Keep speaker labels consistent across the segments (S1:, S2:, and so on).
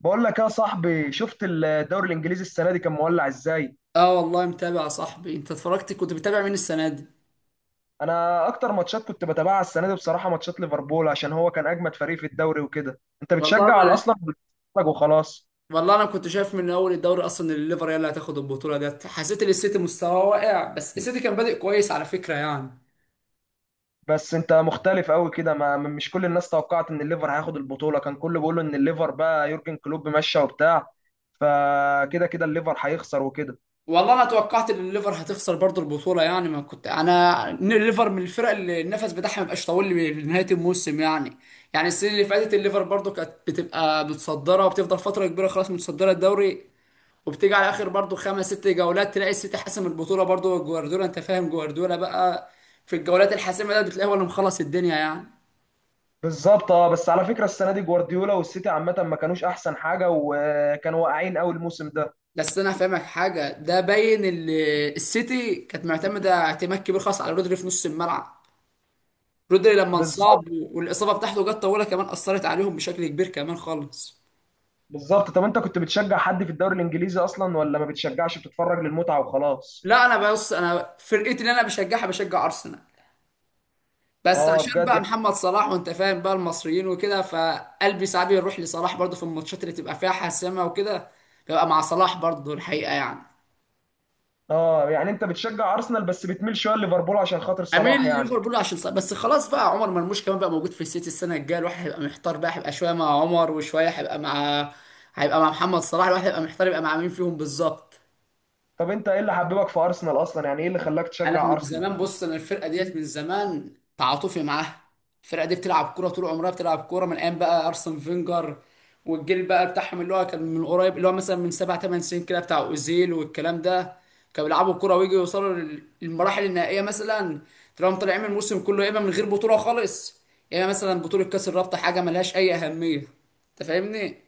S1: بقول لك يا صاحبي، شفت الدوري الانجليزي السنه دي كان مولع ازاي؟
S2: اه، والله متابع يا صاحبي. انت اتفرجت؟ كنت بتابع مين السنه دي؟
S1: انا اكتر ماتشات كنت بتابعها السنه دي بصراحه ماتشات ليفربول، عشان هو كان اجمد فريق في الدوري وكده. انت
S2: والله
S1: بتشجع على
S2: انا
S1: اصلا بتتفرج وخلاص؟
S2: والله انا كنت شايف من اول الدوري اصلا ان الليفر هي اللي هتاخد البطوله ديت. حسيت ان السيتي مستواه واقع، بس السيتي كان بادئ كويس على فكره يعني.
S1: بس انت مختلف قوي كده، ما مش كل الناس توقعت ان الليفر هياخد البطوله، كان كله بيقول ان الليفر بقى يورجن كلوب ماشي وبتاع، فكده كده الليفر هيخسر وكده.
S2: والله انا توقعت ان الليفر هتخسر برضه البطوله، يعني ما كنت انا ان الليفر من الفرق اللي النفس بتاعها ما بيبقاش طويل لنهايه الموسم يعني. يعني السنه اللي فاتت الليفر برضه كانت بتبقى متصدره، وبتفضل فتره كبيره خلاص متصدره الدوري، وبتيجي على اخر برضو خمس ست جولات تلاقي السيتي حاسم البطوله، برضو جوارديولا، انت فاهم جوارديولا بقى في الجولات الحاسمه ده بتلاقيه هو اللي مخلص الدنيا يعني.
S1: بالظبط، اه، بس على فكره السنه دي جوارديولا والسيتي عامه ما كانوش احسن حاجه وكانوا واقعين قوي الموسم ده.
S2: بس انا هفهمك حاجه، ده باين السيتي كانت معتمده اعتماد كبير خاص على رودري في نص الملعب. رودري لما انصاب
S1: بالظبط.
S2: والاصابه بتاعته جت طويله كمان، اثرت عليهم بشكل كبير كمان خالص.
S1: بالظبط، طب انت كنت بتشجع حد في الدوري الانجليزي اصلا، ولا ما بتشجعش بتتفرج للمتعه وخلاص؟
S2: لا، انا بص، انا فرقتي اللي انا بشجعها بشجع ارسنال، بس
S1: اه
S2: عشان
S1: بجد
S2: بقى
S1: يعني.
S2: محمد صلاح وانت فاهم بقى المصريين وكده، فقلبي ساعات بيروح لصلاح برضه في الماتشات اللي تبقى فيها حاسمه وكده. ببقى مع صلاح برضه الحقيقه يعني.
S1: اه، يعني انت بتشجع ارسنال بس بتميل شويه لليفربول عشان خاطر
S2: اميل
S1: صلاح يعني.
S2: ليفربول عشان صلاح، بس خلاص بقى عمر مرموش كمان بقى موجود في السيتي السنه الجايه، الواحد هيبقى محتار بقى، هيبقى شويه مع عمر وشويه هيبقى مع محمد صلاح، الواحد هيبقى محتار يبقى مع مين فيهم بالظبط.
S1: طب انت ايه اللي حببك في ارسنال اصلا؟ يعني ايه اللي خلاك
S2: انا
S1: تشجع
S2: من
S1: ارسنال؟
S2: زمان، بص انا الفرقه ديت من زمان تعاطفي معاها. الفرقه دي بتلعب كوره طول عمرها، بتلعب كوره من ايام بقى ارسن فينجر، والجيل بقى بتاعهم اللي هو كان من قريب اللي هو مثلا من سبع ثمان سنين كده بتاع اوزيل والكلام ده، كانوا بيلعبوا كوره ويجوا يوصلوا للمراحل النهائيه مثلا. تلاقيهم طالعين من الموسم كله يا اما من غير بطوله خالص، يا اما مثلا بطوله كاس الرابطه، حاجه ملهاش اي اهميه. انت فاهمني؟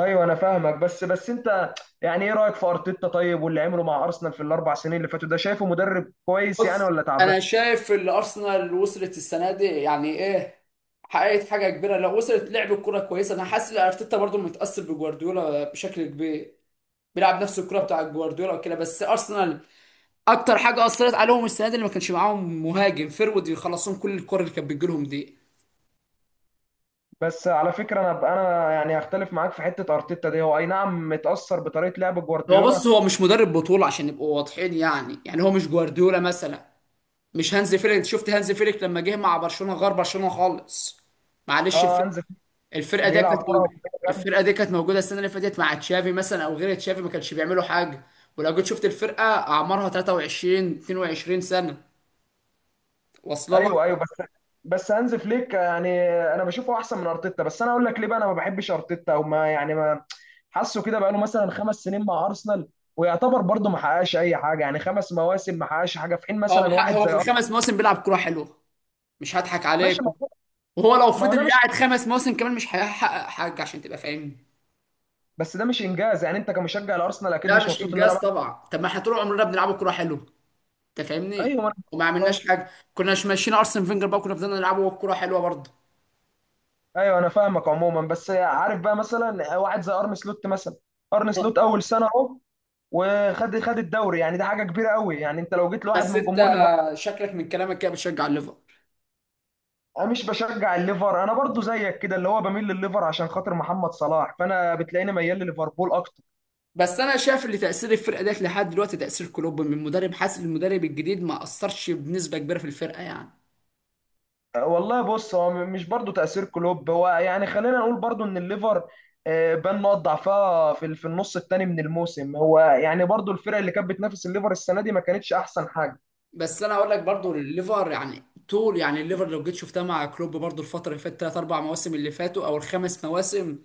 S1: ايوه انا فاهمك، بس انت يعني ايه رايك في ارتيتا طيب، واللي عمله مع ارسنال في الاربع سنين اللي فاتوا ده، شايفه مدرب كويس
S2: بص،
S1: يعني ولا تعبان؟
S2: انا شايف اللي ارسنال وصلت السنه دي يعني ايه، حققت حاجه كبيره، لو وصلت لعب الكره كويسه. انا حاسس ان ارتيتا برضه متاثر بجوارديولا بشكل كبير، بيلعب نفس الكره بتاع جوارديولا وكده، بس ارسنال اكتر حاجه اثرت عليهم السنه دي اللي ما كانش معاهم مهاجم فيرود يخلصهم كل الكره اللي كانت بتجيلهم دي.
S1: بس على فكره، انا يعني هختلف معاك في حته ارتيتا دي، هو اي نعم متاثر بطريقه لعب
S2: هو بص،
S1: جوارديولا.
S2: هو مش مدرب بطوله عشان نبقوا واضحين، يعني هو مش جوارديولا مثلا، مش هانز فيليك. انت شفت هانز فيليك لما جه مع برشلونه، غير برشلونه خالص. معلش
S1: اه هانز
S2: الفكره،
S1: فليك
S2: الفرقه دي
S1: بيلعب كره
S2: كانت،
S1: هجومية جامدة.
S2: الفرقه دي كانت موجوده السنه اللي فاتت مع تشافي مثلا او غير تشافي، ما كانش بيعملوا حاجه. ولو جيت شفت الفرقه اعمارها 23 22 سنه، واصله لك.
S1: ايوه ايوه، بس هانز فليك يعني انا بشوفه احسن من ارتيتا. بس انا اقول لك ليه بقى انا ما بحبش ارتيتا، او ما يعني ما حاسه كده، بقى له مثلا خمس سنين مع ارسنال ويعتبر برضه ما حققش اي حاجه، يعني خمس مواسم ما حققش حاجه، في حين مثلا واحد
S2: هو
S1: زي
S2: في
S1: أرسنال
S2: الخمس مواسم بيلعب كوره حلوه، مش هضحك عليك.
S1: ماشي. ما هو
S2: وهو لو
S1: ما هو ده
S2: فضل
S1: مش،
S2: قاعد خمس مواسم كمان مش هيحقق حاجه، عشان تبقى فاهمني.
S1: بس ده مش انجاز يعني، انت كمشجع الارسنال اكيد
S2: لا
S1: مش
S2: مش
S1: مبسوط ان انا
S2: انجاز
S1: بقى.
S2: طبعا، طب ما احنا طول عمرنا بنلعب كوره حلوه. انت فاهمني؟
S1: ايوه ما انا
S2: وما
S1: آه.
S2: عملناش حاجه، كنا مش ماشيين ارسن فينجر بقى كنا فضلنا نلعبه كوره حلوه برضه.
S1: ايوه انا فاهمك عموما، بس عارف بقى مثلا واحد زي ارن سلوت مثلا، ارن سلوت اول سنه اهو وخد الدوري، يعني ده حاجه كبيره قوي، يعني انت لو جيت لواحد
S2: بس
S1: من
S2: انت
S1: جمهور ليفربول.
S2: شكلك من كلامك كده بتشجع الليفر.
S1: انا مش بشجع الليفر، انا برضو زيك كده اللي هو بميل للليفر عشان خاطر محمد صلاح، فانا بتلاقيني ميال لليفربول اكتر.
S2: بس انا شايف ان تاثير الفرقه ديت لحد دلوقتي تاثير كلوب من مدرب، حاسس إن المدرب الجديد ما اثرش بنسبه كبيره في الفرقه يعني.
S1: أه، والله بص، هو مش برضو تأثير كلوب، هو يعني خلينا نقول برضو ان الليفر آه، بان نقط ضعفها في في النص الثاني من الموسم، هو يعني برضو الفرق اللي كانت بتنافس الليفر السنة دي ما كانتش احسن حاجة.
S2: بس انا اقول لك برضو، الليفر يعني، طول يعني الليفر لو جيت شفتها مع كلوب برضو الفتره اللي فاتت ثلاث اربع مواسم اللي فاتوا او الخمس مواسم،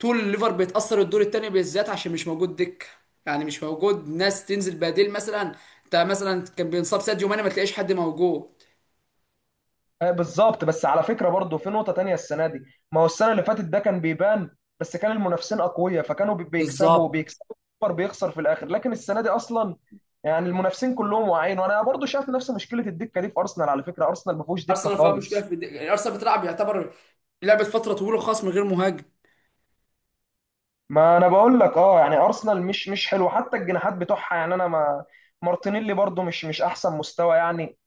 S2: طول الليفر بيتاثر الدور الثاني بالذات عشان مش موجود دكه، يعني مش موجود ناس تنزل بديل مثلا. انت مثلا كان بينصاب ساديو ماني ما تلاقيش حد موجود.
S1: آه، بالظبط. بس على فكرة برضو في نقطة تانية السنة دي، ما هو السنة اللي فاتت ده كان بيبان، بس كان المنافسين أقوياء فكانوا بيكسبوا،
S2: بالظبط.
S1: بيكسبوا السوبر، بيخسر في الآخر. لكن السنة دي أصلا يعني المنافسين كلهم واعيين. وأنا برضو شايف نفس مشكلة الدكة دي في أرسنال، على فكرة أرسنال ما فيهوش دكة
S2: ارسنال فيها مشكله
S1: خالص.
S2: يعني ارسنال بتلعب يعتبر، لعبت فتره طويله خالص من غير مهاجم.
S1: ما أنا بقول لك، أه يعني أرسنال مش مش حلو، حتى الجناحات بتوعها يعني أنا ما، مارتينيلي برضو مش مش أحسن مستوى يعني.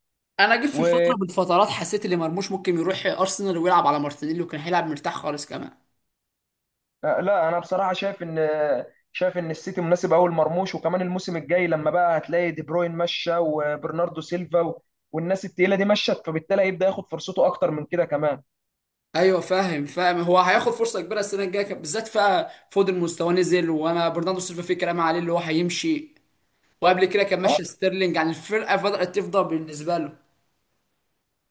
S2: انا جيت في
S1: و...
S2: فتره من الفترات حسيت ان مرموش ممكن يروح ارسنال ويلعب على مارتينيلي، وكان هيلعب مرتاح خالص كمان.
S1: آه، لا انا بصراحه شايف ان، شايف ان السيتي مناسب قوي لمرموش، وكمان الموسم الجاي لما بقى هتلاقي دي بروين مشى وبرناردو سيلفا و... والناس التقيله دي مشت، فبالتالي هيبدا ياخد فرصته اكتر من كده كمان.
S2: ايوه فاهم فاهم، هو هياخد فرصه كبيره السنه الجايه بالذات، فا فودن مستواه نزل، وانا برناردو سيلفا في كلام عليه اللي هو هيمشي، وقبل كده كان
S1: اه
S2: ماشي ستيرلينج، يعني الفرقه بدات تفضى بالنسبه له.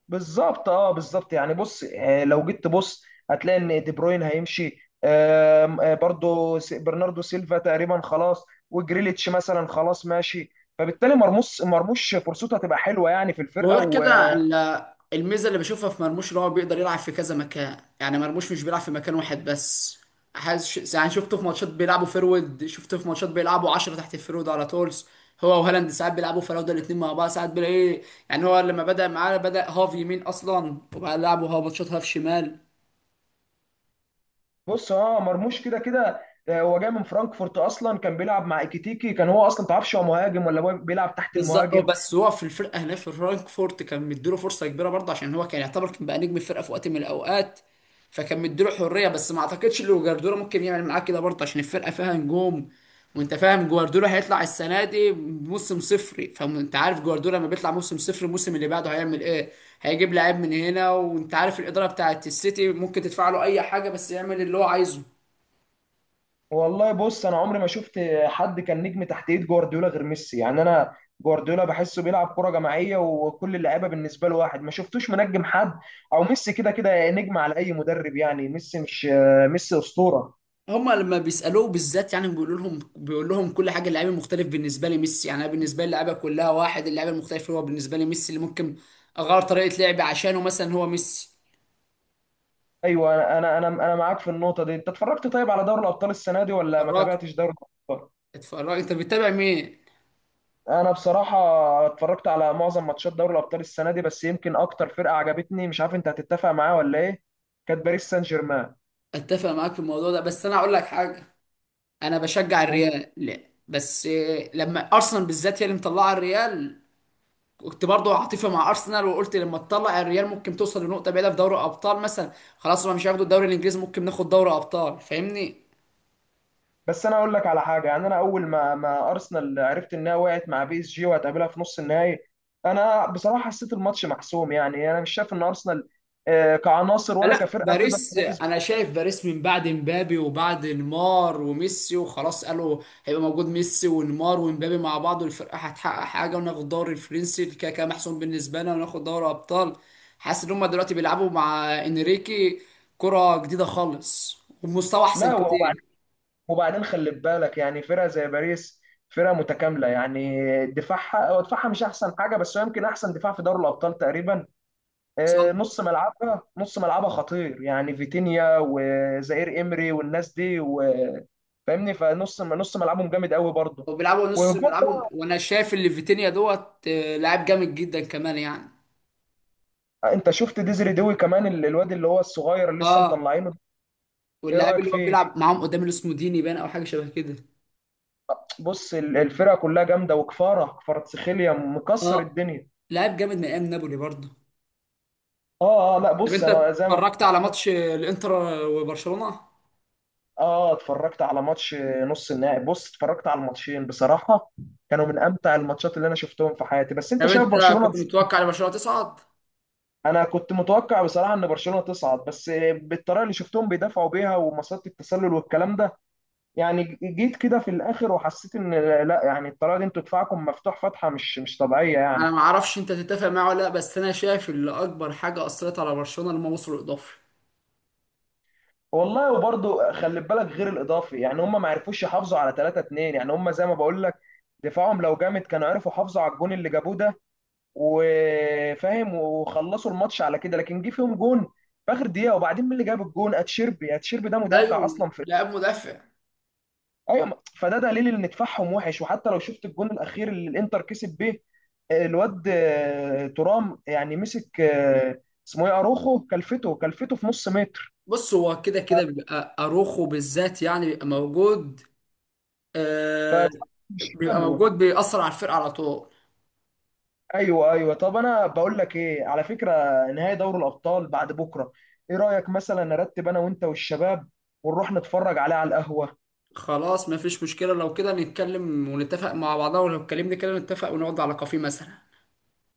S1: بالظبط، اه بالظبط، يعني بص آه، لو جيت تبص هتلاقي ان دي بروين هيمشي، آم، آه، برضو برناردو سيلفا تقريبا خلاص، وجريليتش مثلا خلاص ماشي، فبالتالي مرموش فرصته هتبقى حلوه يعني في الفرقه.
S2: وغير كده الميزه اللي بشوفها في مرموش ان هو بيقدر يلعب في كذا مكان، يعني مرموش مش بيلعب في مكان واحد بس. حاسس يعني، شفته في ماتشات بيلعبوا فيرود، شفته في ماتشات بيلعبوا 10 تحت الفيرود على طول، هو وهالاند ساعات بيلعبوا فراوده الاثنين مع بعض، ساعات بيلاقي، يعني هو لما بدأ معاه بدأ هاف يمين اصلا، وبعد لعبه هاف ماتشات هاف شمال.
S1: بص اه مرموش كده كده، آه، هو جاي من فرانكفورت اصلا، كان بيلعب مع ايكيتيكي، كان هو اصلا متعرفش هو مهاجم ولا هو بيلعب تحت
S2: بالظبط. هو
S1: المهاجم.
S2: بس هو في الفرقه هنا في فرانكفورت كان مديله فرصه كبيره برضه، عشان هو كان يعتبر كان بقى نجم الفرقه في وقت من الاوقات، فكان مديله حريه. بس ما اعتقدش ان جوارديولا ممكن يعمل معاه كده برضه عشان الفرقه فيها نجوم. وانت فاهم جوارديولا هيطلع السنه دي موسم صفري، فانت عارف جوارديولا لما بيطلع موسم صفر الموسم اللي بعده هيعمل ايه، هيجيب لعيب من هنا، وانت عارف الاداره بتاعت السيتي ممكن تدفع له اي حاجه بس يعمل اللي هو عايزه.
S1: والله بص، انا عمري ما شفت حد كان نجم تحت ايد جوارديولا غير ميسي، يعني انا جوارديولا بحسه بيلعب كرة جماعية وكل اللعيبة بالنسبة له واحد، ما شفتوش منجم حد، او ميسي كده كده نجم على اي مدرب، يعني ميسي مش آه، ميسي اسطورة.
S2: هما لما بيسالوه بالذات يعني، بيقول لهم كل حاجه، اللعيب المختلف بالنسبه لي ميسي، يعني انا بالنسبه لي اللعيبه كلها واحد، اللعيب المختلف هو بالنسبه لي ميسي اللي ممكن اغير طريقه لعبي عشانه مثلا، هو ميسي.
S1: ايوه، انا انا انا أنا معاك في النقطة دي. انت اتفرجت طيب على دوري الابطال السنة دي، ولا ما
S2: اتفرجت
S1: تابعتش دوري الابطال؟
S2: اتفرجت، انت بتتابع مين؟
S1: انا بصراحه اتفرجت على معظم ماتشات دوري الابطال السنه دي، بس يمكن اكتر فرقه عجبتني، مش عارف انت هتتفق معايا ولا ايه، كانت باريس سان جيرمان.
S2: اتفق معاك في الموضوع ده، بس انا اقول لك حاجه، انا بشجع الريال، لا بس إيه، لما ارسنال بالذات هي اللي مطلعه الريال، كنت برضه عاطفي مع ارسنال، وقلت لما تطلع الريال ممكن توصل لنقطه بعيده في دوري ابطال مثلا. خلاص هما مش هياخدوا الدوري الانجليزي، ممكن ناخد دوري ابطال، فاهمني؟
S1: بس انا اقول لك على حاجه، يعني انا اول ما ارسنال عرفت انها وقعت مع بي اس جي وهتقابلها في نص النهائي، انا بصراحه حسيت الماتش محسوم، يعني انا مش شايف ان ارسنال آه، كعناصر ولا
S2: لا
S1: كفرقه تقدر
S2: باريس،
S1: تنافس.
S2: انا شايف باريس من بعد مبابي وبعد نيمار وميسي، وخلاص قالوا هيبقى موجود ميسي ونيمار ومبابي مع بعض والفرقه هتحقق حاجه وناخد الدوري الفرنسي كده كده محسوم بالنسبه لنا وناخد دوري ابطال. حاسس ان هم دلوقتي بيلعبوا مع انريكي كره جديده خالص ومستوى احسن
S1: لا
S2: كتير.
S1: وبعدين خلي بالك يعني، فرقه زي باريس فرقه متكامله يعني، دفاعها، هو دفاعها مش احسن حاجه، بس هو يمكن احسن دفاع في دوري الابطال تقريبا. آه،
S2: صح.
S1: نص ملعبها خطير يعني، فيتينيا وزائر إمري والناس دي و... فاهمني؟ فنص، نص ملعبهم جامد قوي برضه.
S2: وبيلعبوا نص،
S1: وهجوم
S2: بيلعبوا، وانا شايف اللي فيتينيا دوت آه، لاعب جامد جدا كمان يعني.
S1: بقى، انت شفت ديزري دوي كمان، الواد اللي هو الصغير اللي لسه
S2: اه،
S1: مطلعينه ده، ايه
S2: واللاعب
S1: رأيك
S2: اللي هو
S1: فيه؟
S2: بيلعب معاهم قدام اللي اسمه ديني بان او حاجه شبه كده.
S1: بص الفرقة كلها جامدة، وكفارة، كفاراتسخيليا مكسر
S2: اه،
S1: الدنيا.
S2: لاعب جامد من ايام نابولي برضه.
S1: اه اه، لا
S2: طب
S1: بص
S2: انت
S1: انا زي ما بقول
S2: اتفرجت على
S1: كده.
S2: ماتش الانتر وبرشلونه؟
S1: اه اتفرجت على ماتش نص النهائي، بص اتفرجت على الماتشين بصراحة، كانوا من امتع الماتشات اللي انا شفتهم في حياتي. بس
S2: طب
S1: انت شايف
S2: انت
S1: برشلونة،
S2: كنت متوقع ان برشلونه تصعد؟
S1: انا كنت متوقع بصراحه ان برشلونه تصعد، بس بالطريقه اللي شفتهم بيدافعوا بيها ومسات التسلل والكلام ده، يعني جيت كده في الاخر وحسيت ان، لا يعني الطريقه دي انتوا دفاعكم مفتوح فتحه مش مش طبيعيه يعني.
S2: انا ما اعرفش انت تتفق معايا ولا لا، بس انا شايف ان اكبر حاجه اثرت على برشلونه لما وصلوا الاضافي.
S1: والله وبرضه خلي بالك، غير الاضافي يعني، هم ما عرفوش يحافظوا على 3-2، يعني هم زي ما بقول لك دفاعهم لو جامد كانوا عرفوا يحافظوا على الجون اللي جابوه ده وفاهم وخلصوا الماتش على كده. لكن جه فيهم جون في اخر دقيقه، وبعدين مين اللي جاب الجون، اتشيربي، اتشيربي ده مدافع
S2: ايوه،
S1: اصلا في،
S2: لاعب مدافع.
S1: ايوه، فده دليل ان دفاعهم وحش. وحتى لو شفت الجون الاخير اللي الانتر كسب بيه، آه، الواد آه، ترام يعني مسك آه، اسمه ايه، اروخو، كلفته، كلفته في نص متر،
S2: بص هو كده كده بيبقى اروخو بالذات، يعني بيبقى موجود.
S1: ف
S2: آه،
S1: مش
S2: بيبقى
S1: حلو.
S2: موجود بيأثر على الفرقه على طول.
S1: ايوه ايوه، طب انا بقول لك ايه على فكره، نهائي دوري الابطال بعد بكره، ايه رايك مثلا نرتب انا وانت والشباب ونروح نتفرج عليه على القهوه؟
S2: خلاص، ما فيش مشكله، لو كده نتكلم ونتفق مع بعضنا، ولو اتكلمنا كده نتفق ونقعد على كافيه مثلا.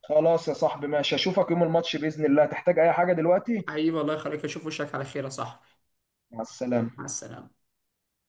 S1: خلاص يا صاحبي ماشي، اشوفك يوم الماتش باذن الله، تحتاج اي حاجه دلوقتي؟
S2: حبيبي الله يخليك، اشوف وشك على خير يا صاحبي.
S1: مع
S2: مع
S1: السلامه.
S2: السلامة.